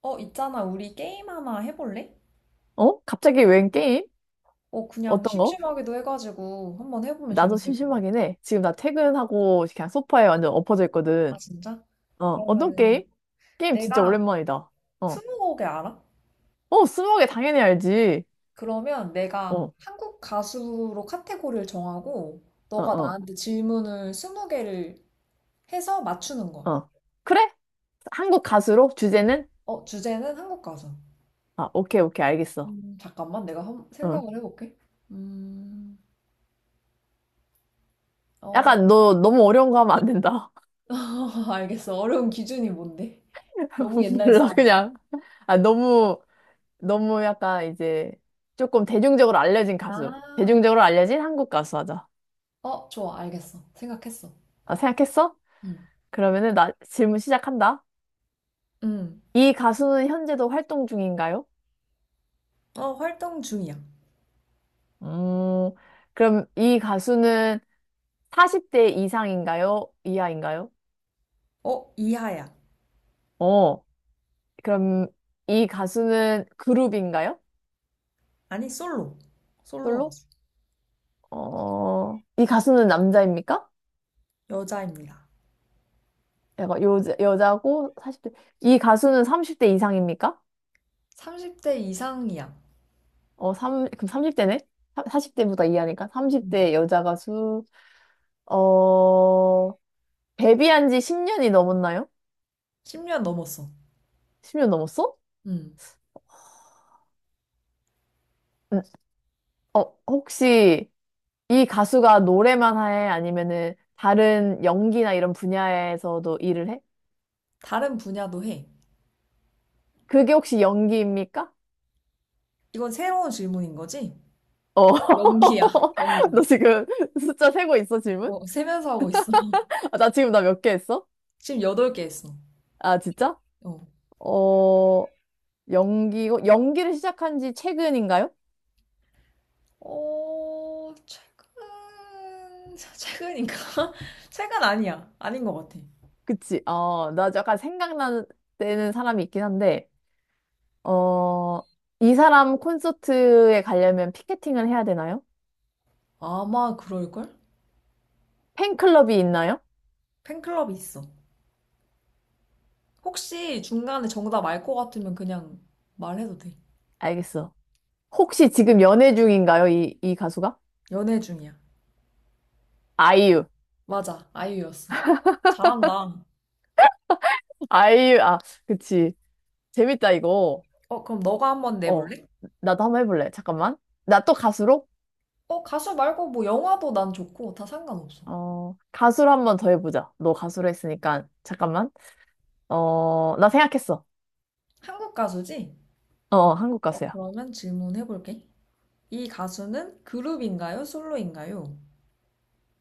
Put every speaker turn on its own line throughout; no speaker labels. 있잖아. 우리 게임 하나 해볼래?
어? 갑자기 웬 게임?
그냥
어떤 거?
심심하기도 해가지고 한번 해보면
나도
재밌을 것 같아.
심심하긴 해. 지금 나 퇴근하고 그냥 소파에 완전 엎어져
아,
있거든.
진짜?
어, 어떤
그러면은
게임? 게임 진짜
내가
오랜만이다. 어.
스무고개 알아?
어, 스무고개 당연히 알지.
그러면 내가
어,
한국 가수로 카테고리를 정하고
어,
너가
어,
나한테 질문을 20개를 해서 맞추는 거야.
어. 그래? 한국 가수로? 주제는?
주제는 한국 가수.
아, 오케이, 오케이, 알겠어.
잠깐만. 내가
응.
생각을 해볼게. 음,
약간
어,
너 너무 어려운 거 하면 안 된다.
알겠어. 어려운 기준이 뭔데? 너무 옛날
몰라,
사람인가?
그냥. 아, 너무, 너무 약간 이제 조금 대중적으로 알려진 가수.
아, 어.
대중적으로 알려진 한국 가수 하자.
좋아, 알겠어. 생각했어.
아, 생각했어?
응.
그러면은 나 질문 시작한다.
음.
이 가수는 현재도 활동 중인가요?
활동 중이야.
음, 그럼 이 가수는 40대 이상인가요? 이하인가요?
이하야.
어, 그럼 이 가수는 그룹인가요?
아니, 솔로. 솔로
솔로?
가수.
어, 이 가수는 남자입니까?
여자입니다.
약간 여자, 여자고 40대 이 가수는 30대 이상입니까?
30대 이상이야.
어, 삼 그럼 30대네? 40대보다 이하니까
음.
30대 여자 가수. 어, 데뷔한 지 10년이 넘었나요?
10년 넘었어.
10년 넘었어?
음.
음, 어, 혹시 이 가수가 노래만 해? 아니면은 다른 연기나 이런 분야에서도 일을 해?
다른 분야도 해.
그게 혹시 연기입니까?
이건 새로운 질문인 거지?
어.
연기야, 연기.
너 지금 숫자 세고 있어, 질문?
세면서 하고 있어.
아, 나 몇 개 했어?
지금 여덟 개 했어.
아, 진짜?
어.
어, 연기고, 연기를 시작한 지 최근인가요?
최근, 최근인가? 최근 아니야. 아닌 것 같아.
그치. 어, 나 약간 생각나는 사람이 있긴 한데, 어, 이 사람 콘서트에 가려면 피케팅을 해야 되나요?
아마 그럴걸?
팬클럽이 있나요?
팬클럽이 있어. 혹시 중간에 정답 알 것 같으면 그냥 말해도 돼.
알겠어. 혹시 지금 연애 중인가요? 이 가수가?
연애 중이야.
아이유.
맞아, 아이유였어. 잘한다.
아이유, 아, 그치. 재밌다, 이거.
그럼 너가 한번
어,
내볼래?
나도 한번 해볼래. 잠깐만. 나 또 가수로?
가수 말고 뭐 영화도 난 좋고 다 상관없어.
어, 가수로 한번 더 해보자. 너 가수로 했으니까. 잠깐만. 어, 나 생각했어.
한국 가수지?
어, 어, 한국 가수야.
그러면 질문해볼게. 이 가수는 그룹인가요? 솔로인가요?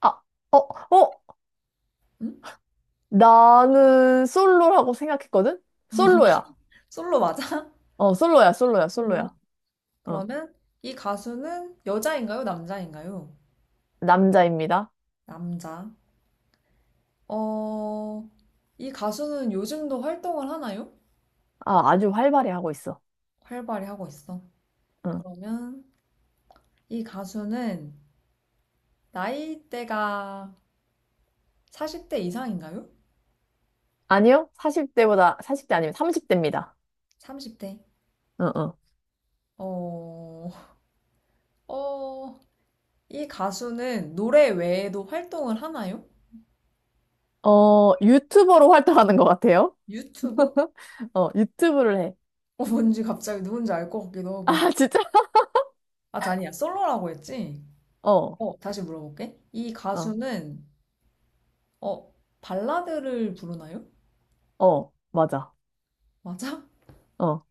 아, 어, 어?
응?
나는 솔로라고 생각했거든? 솔로야.
솔로 맞아?
어, 솔로야, 솔로야,
솔로.
솔로야. 어,
그러면 이 가수는 여자인가요? 남자인가요?
남자입니다.
남자. 어, 이 가수는 요즘도 활동을 하나요?
아, 아주 활발히 하고 있어.
활발히 하고 있어.
어.
그러면 이 가수는 나이대가 40대 이상인가요?
아니요? 40대보다, 40대 아니면 30대입니다.
30대.
어, 어.
어, 어, 이 가수는 노래 외에도 활동을 하나요?
어, 유튜버로 활동하는 것 같아요.
유튜브?
어, 유튜브를 해.
뭔지 갑자기 누군지 알 것 같기도 하고.
아, 진짜?
아, 아니야. 솔로라고 했지?
어,
다시 물어볼게. 이
어,
가수는, 어, 발라드를 부르나요?
어, 맞아.
맞아?
어,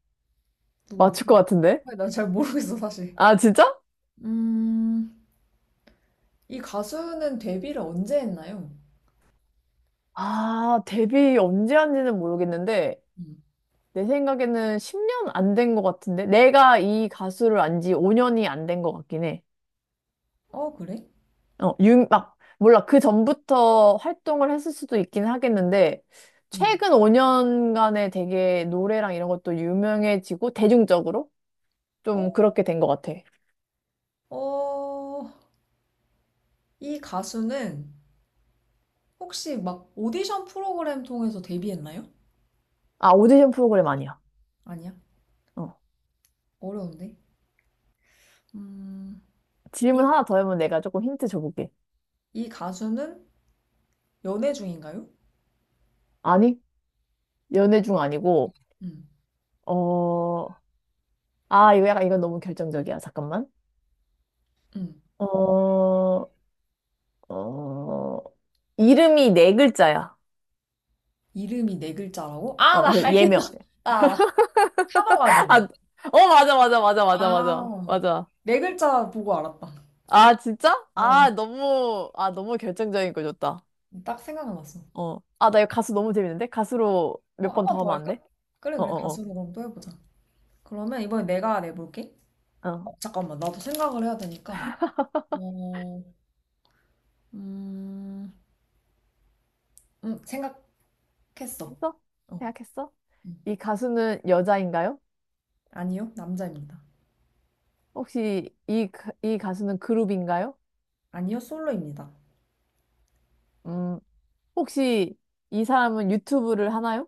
맞출 것
누구지?
같은데?
난잘 모르겠어, 사실.
아, 진짜?
음, 이 가수는 데뷔를 언제 했나요?
아, 데뷔 언제 한지는 모르겠는데,
음.
내 생각에는 10년 안 된 것 같은데? 내가 이 가수를 안 지 5년이 안 된 것 같긴 해.
그래?
몰라. 그 전부터 활동을 했을 수도 있긴 하겠는데,
음.
최근 5년간에 되게 노래랑 이런 것도 유명해지고, 대중적으로
어,
좀 그렇게 된 것 같아.
어, 이 가수는 혹시 막 오디션 프로그램 통해서 데뷔했나요?
아, 오디션 프로그램 아니야.
아니야.
어.
어려운데. 음,
질문
이,
하나 더 하면 내가 조금 힌트 줘볼게.
이 가수는 연애 중인가요?
아니, 연애 중 아니고,
음,
어, 이건 너무 결정적이야. 잠깐만.
음.
어, 어, 이름이 네 글자야.
이름이 네 글자라고? 아,
어, 그
나 알겠다.
예명.
나 알아.
아,
카더가든.
어, 맞아, 맞아, 맞아, 맞아, 맞아,
아,
맞아.
네 글자 보고 알았다.
아, 진짜?
어,
너무 결정적인 걸 줬다.
딱 생각났어.
어. 아, 나 이거 가수 너무 재밌는데? 가수로 몇
한
번
번
더
더
하면 안
할까?
돼?
그래,
어,
그래.
어,
가수로 그럼 또 해보자. 그러면 이번에 내가 내볼게.
어. 어.
잠깐만. 나도 생각을 해야 되니까. 어, 음, 음, 생각했어.
했어?
어,
생각했어?
음.
이 가수는 여자인가요?
아니요, 남자입니다.
이 가수는 그룹인가요?
아니요, 솔로입니다.
음, 혹시 이 사람은 유튜브를 하나요?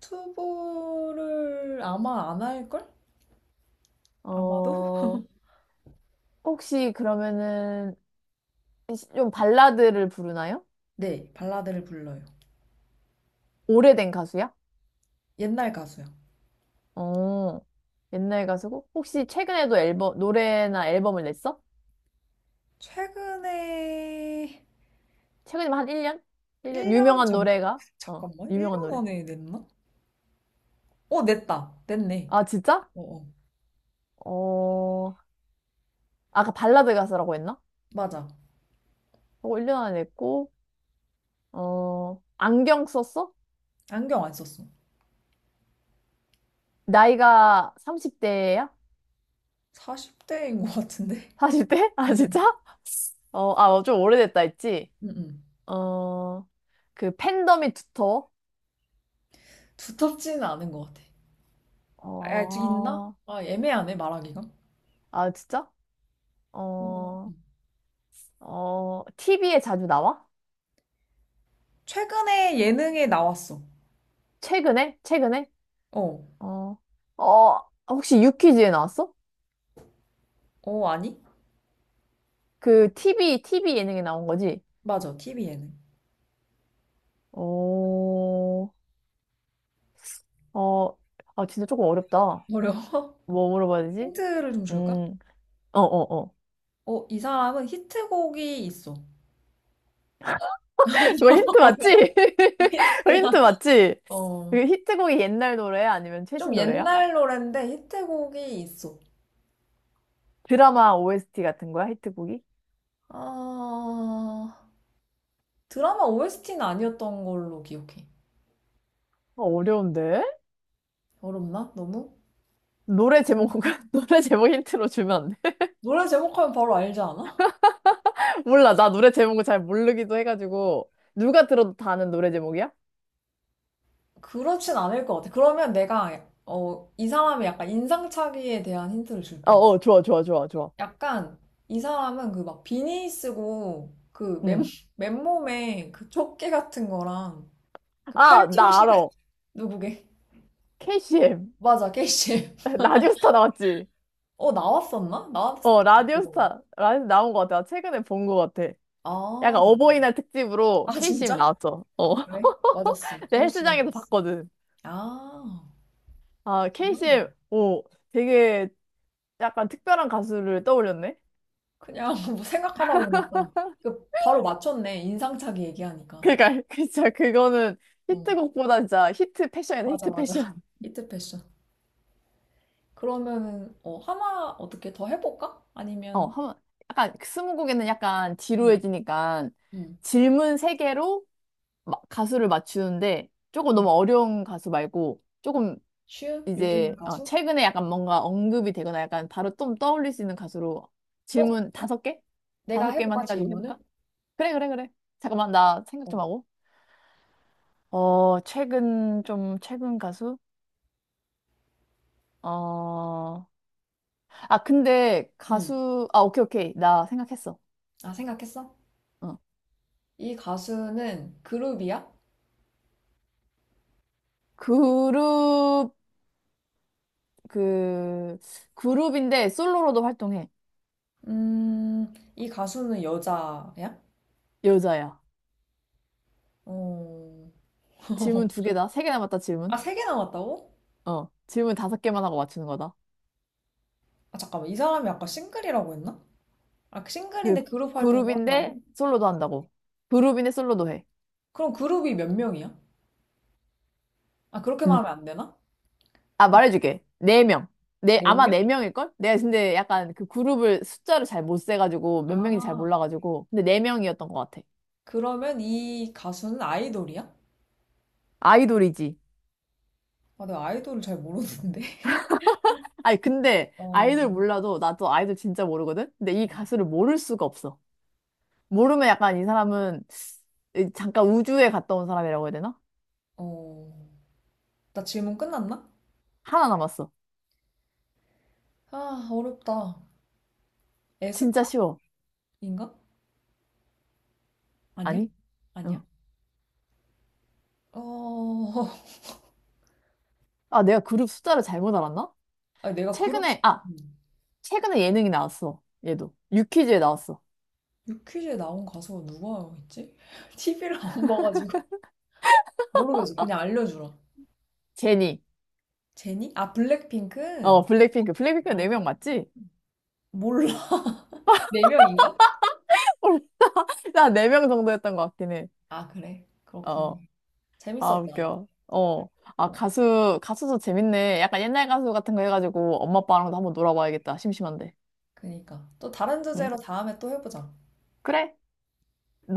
투보를 아마 안 할걸? 아마도?
어, 혹시 그러면은 좀 발라드를 부르나요?
네, 발라드를 불러요.
오래된 가수야?
옛날 가수요.
어, 옛날 가수고? 혹시 최근에도 노래나 앨범을 냈어?
최근에
최근에 한 1년? 일 년
1년
유명한
전,
노래가? 어,
잠깐만,
유명한
1년
노래.
안에 냈나? 냈다. 냈네.
아, 진짜?
어, 어.
어, 아까 발라드 가수라고 했나?
맞아.
그거 1년 안에 했고, 어, 안경 썼어?
안경 안 썼어.
나이가 30대야?
40대인 것 같은데?
40대? 아, 진짜?
어,
어, 아, 어, 좀 오래됐다 했지?
응, 응.
어, 그 팬덤이 두터워?
두텁지는 않은 것 같아. 아, 있나?
어,
아, 애매하네, 말하기가.
아, 진짜?
어,
어, 어, TV에 자주 나와?
최근에 예능에 나왔어.
최근에? 최근에?
어.
어, 어, 혹시 유퀴즈에 나왔어?
아니?
그 TV 예능에 나온 거지?
맞아. TV 예능.
어, 어, 아, 진짜 조금 어렵다.
어려워.
뭐 물어봐야 되지?
힌트를 좀 줄까?
음, 어, 어, 어.
이 사람은 히트곡이 있어.
이거 힌트
어려워
맞지? 거 힌트
힌트야.
맞지?
어.
그 히트곡이 옛날 노래야? 아니면
좀
최신 노래야?
옛날 노랜데 히트곡이 있어.
드라마 OST 같은 거야? 히트곡이?
아, 드라마 OST는 아니었던 걸로 기억해.
어, 어려운데?
어렵나? 너무?
노래 제목,
음.
노래 제목 힌트로 주면 안 돼?
노래 제목하면 바로 알지 않아?
몰라. 나 노래 제목을 잘 모르기도 해가지고. 누가 들어도 다 아는 노래 제목이야?
그렇진 않을 것 같아. 그러면 내가, 이 사람의 약간 인상착의에 대한 힌트를
어,
줄게.
어, 좋아, 좋아, 좋아, 좋아.
약간 이 사람은 그 막 비니 쓰고 그 맨,
응.
맨몸에 그 조끼 같은 거랑 그
아, 나
팔토시 같
알아.
누구게?
KCM.
맞아, 케이실.
라디오스타 나왔지?
나왔었나? 나왔을
어,
거
라디오스타. 라디오 나온 것 같아. 나 최근에 본 것 같아. 약간
아,
어버이날 특집으로
아,
KCM
진짜?
나왔어. 어.
그래? 맞았어.
내 헬스장에서
케이실이었어.
봤거든.
아,
아,
그렇구나.
KCM, 오, 되게 약간 특별한 가수를 떠올렸네?
그냥 뭐 생각하다 보니까. 그 바로 맞췄네. 인상착의 얘기하니까.
그니까, 진짜 그거는
어,
히트곡보다 진짜 히트 패션이다,
맞아,
히트
맞아.
패션.
이트 패션. 그러면은, 하나 어떻게 더 해볼까?
어,
아니면,
한, 약간 스무고개는 약간
음,
지루해지니까
음.
질문 세개로 가수를 맞추는데 조금 너무 어려운 가수 말고 조금
슈? 요즘
이제 어,
가수?
최근에 약간 뭔가 언급이 되거나 약간 바로 좀 떠올릴 수 있는 가수로
어?
질문 다섯 개?
내가
다섯 개만
해볼까
해가지고 해볼까?
질문을?
그래, 그래, 그래. 잠깐만, 나 생각
어.
좀 하고. 최근 가수? 어,
음.
아, 오케이, 오케이. 나 생각했어.
아, 생각했어?
어.
이 가수는 그룹이야?
그룹, 그, 그룹인데 솔로로도 활동해.
이 가수는 여자야?
여자야.
어.
질문 두 개다. 세 개 남았다,
아,
질문.
세 개 남았다고?
어, 질문 다섯 개만 하고 맞추는 거다.
아, 잠깐만. 이 사람이 아까 싱글이라고 했나? 아, 그
그
싱글인데 그룹 활동도 한다고?
그룹인데 솔로도 한다고. 그룹인데 솔로도 해.
그럼 그룹이 몇 명이야? 아, 그렇게
음,
말하면 안 되나?
아, 말해줄게. 네 명. 네,
네
아마
명?
네 명일걸? 내가 근데 약간 그 그룹을 숫자를 잘 못 세가지고 몇 명인지 잘
아,
몰라가지고. 근데 네 명이었던 것 같아.
그러면 이 가수는 아이돌이야?
아이돌이지.
아, 내가 아이돌을 잘 모르는데.
아니, 근데
어,
아이돌 몰라도 나도 아이돌 진짜 모르거든? 근데 이 가수를 모를 수가 없어. 모르면 약간 이 사람은 잠깐 우주에 갔다 온 사람이라고 해야 되나?
어, 나 질문 끝났나?
하나 남았어.
아, 어렵다.
진짜
에스파인가?
쉬워.
아니야?
아니?
아니야?
어.
어,
아, 내가 그룹 숫자를 잘못 알았나?
아니, 내가 그룹,
최근에, 아,
음.
최근에 예능이 나왔어. 얘도. 유퀴즈에 나왔어.
유퀴즈에 나온 가수가 누가 있지? TV를 안 봐가지고. 모르겠어. 그냥 알려주라.
제니.
제니? 아, 블랙핑크?
어, 블랙핑크. 블랙핑크가 4명
아,
맞지?
몰라. 네 명인가?
나 4명 정도 였던 것 같긴 해.
아, 그래. 그렇구나.
어. 아,
재밌었다.
웃겨. 어. 아,
어,
가수도 재밌네. 약간 옛날 가수 같은 거 해가지고 엄마 아빠랑도 한번 놀아봐야겠다. 심심한데.
그니까. 또 다른
응.
주제로 다음에 또 해보자.
그래.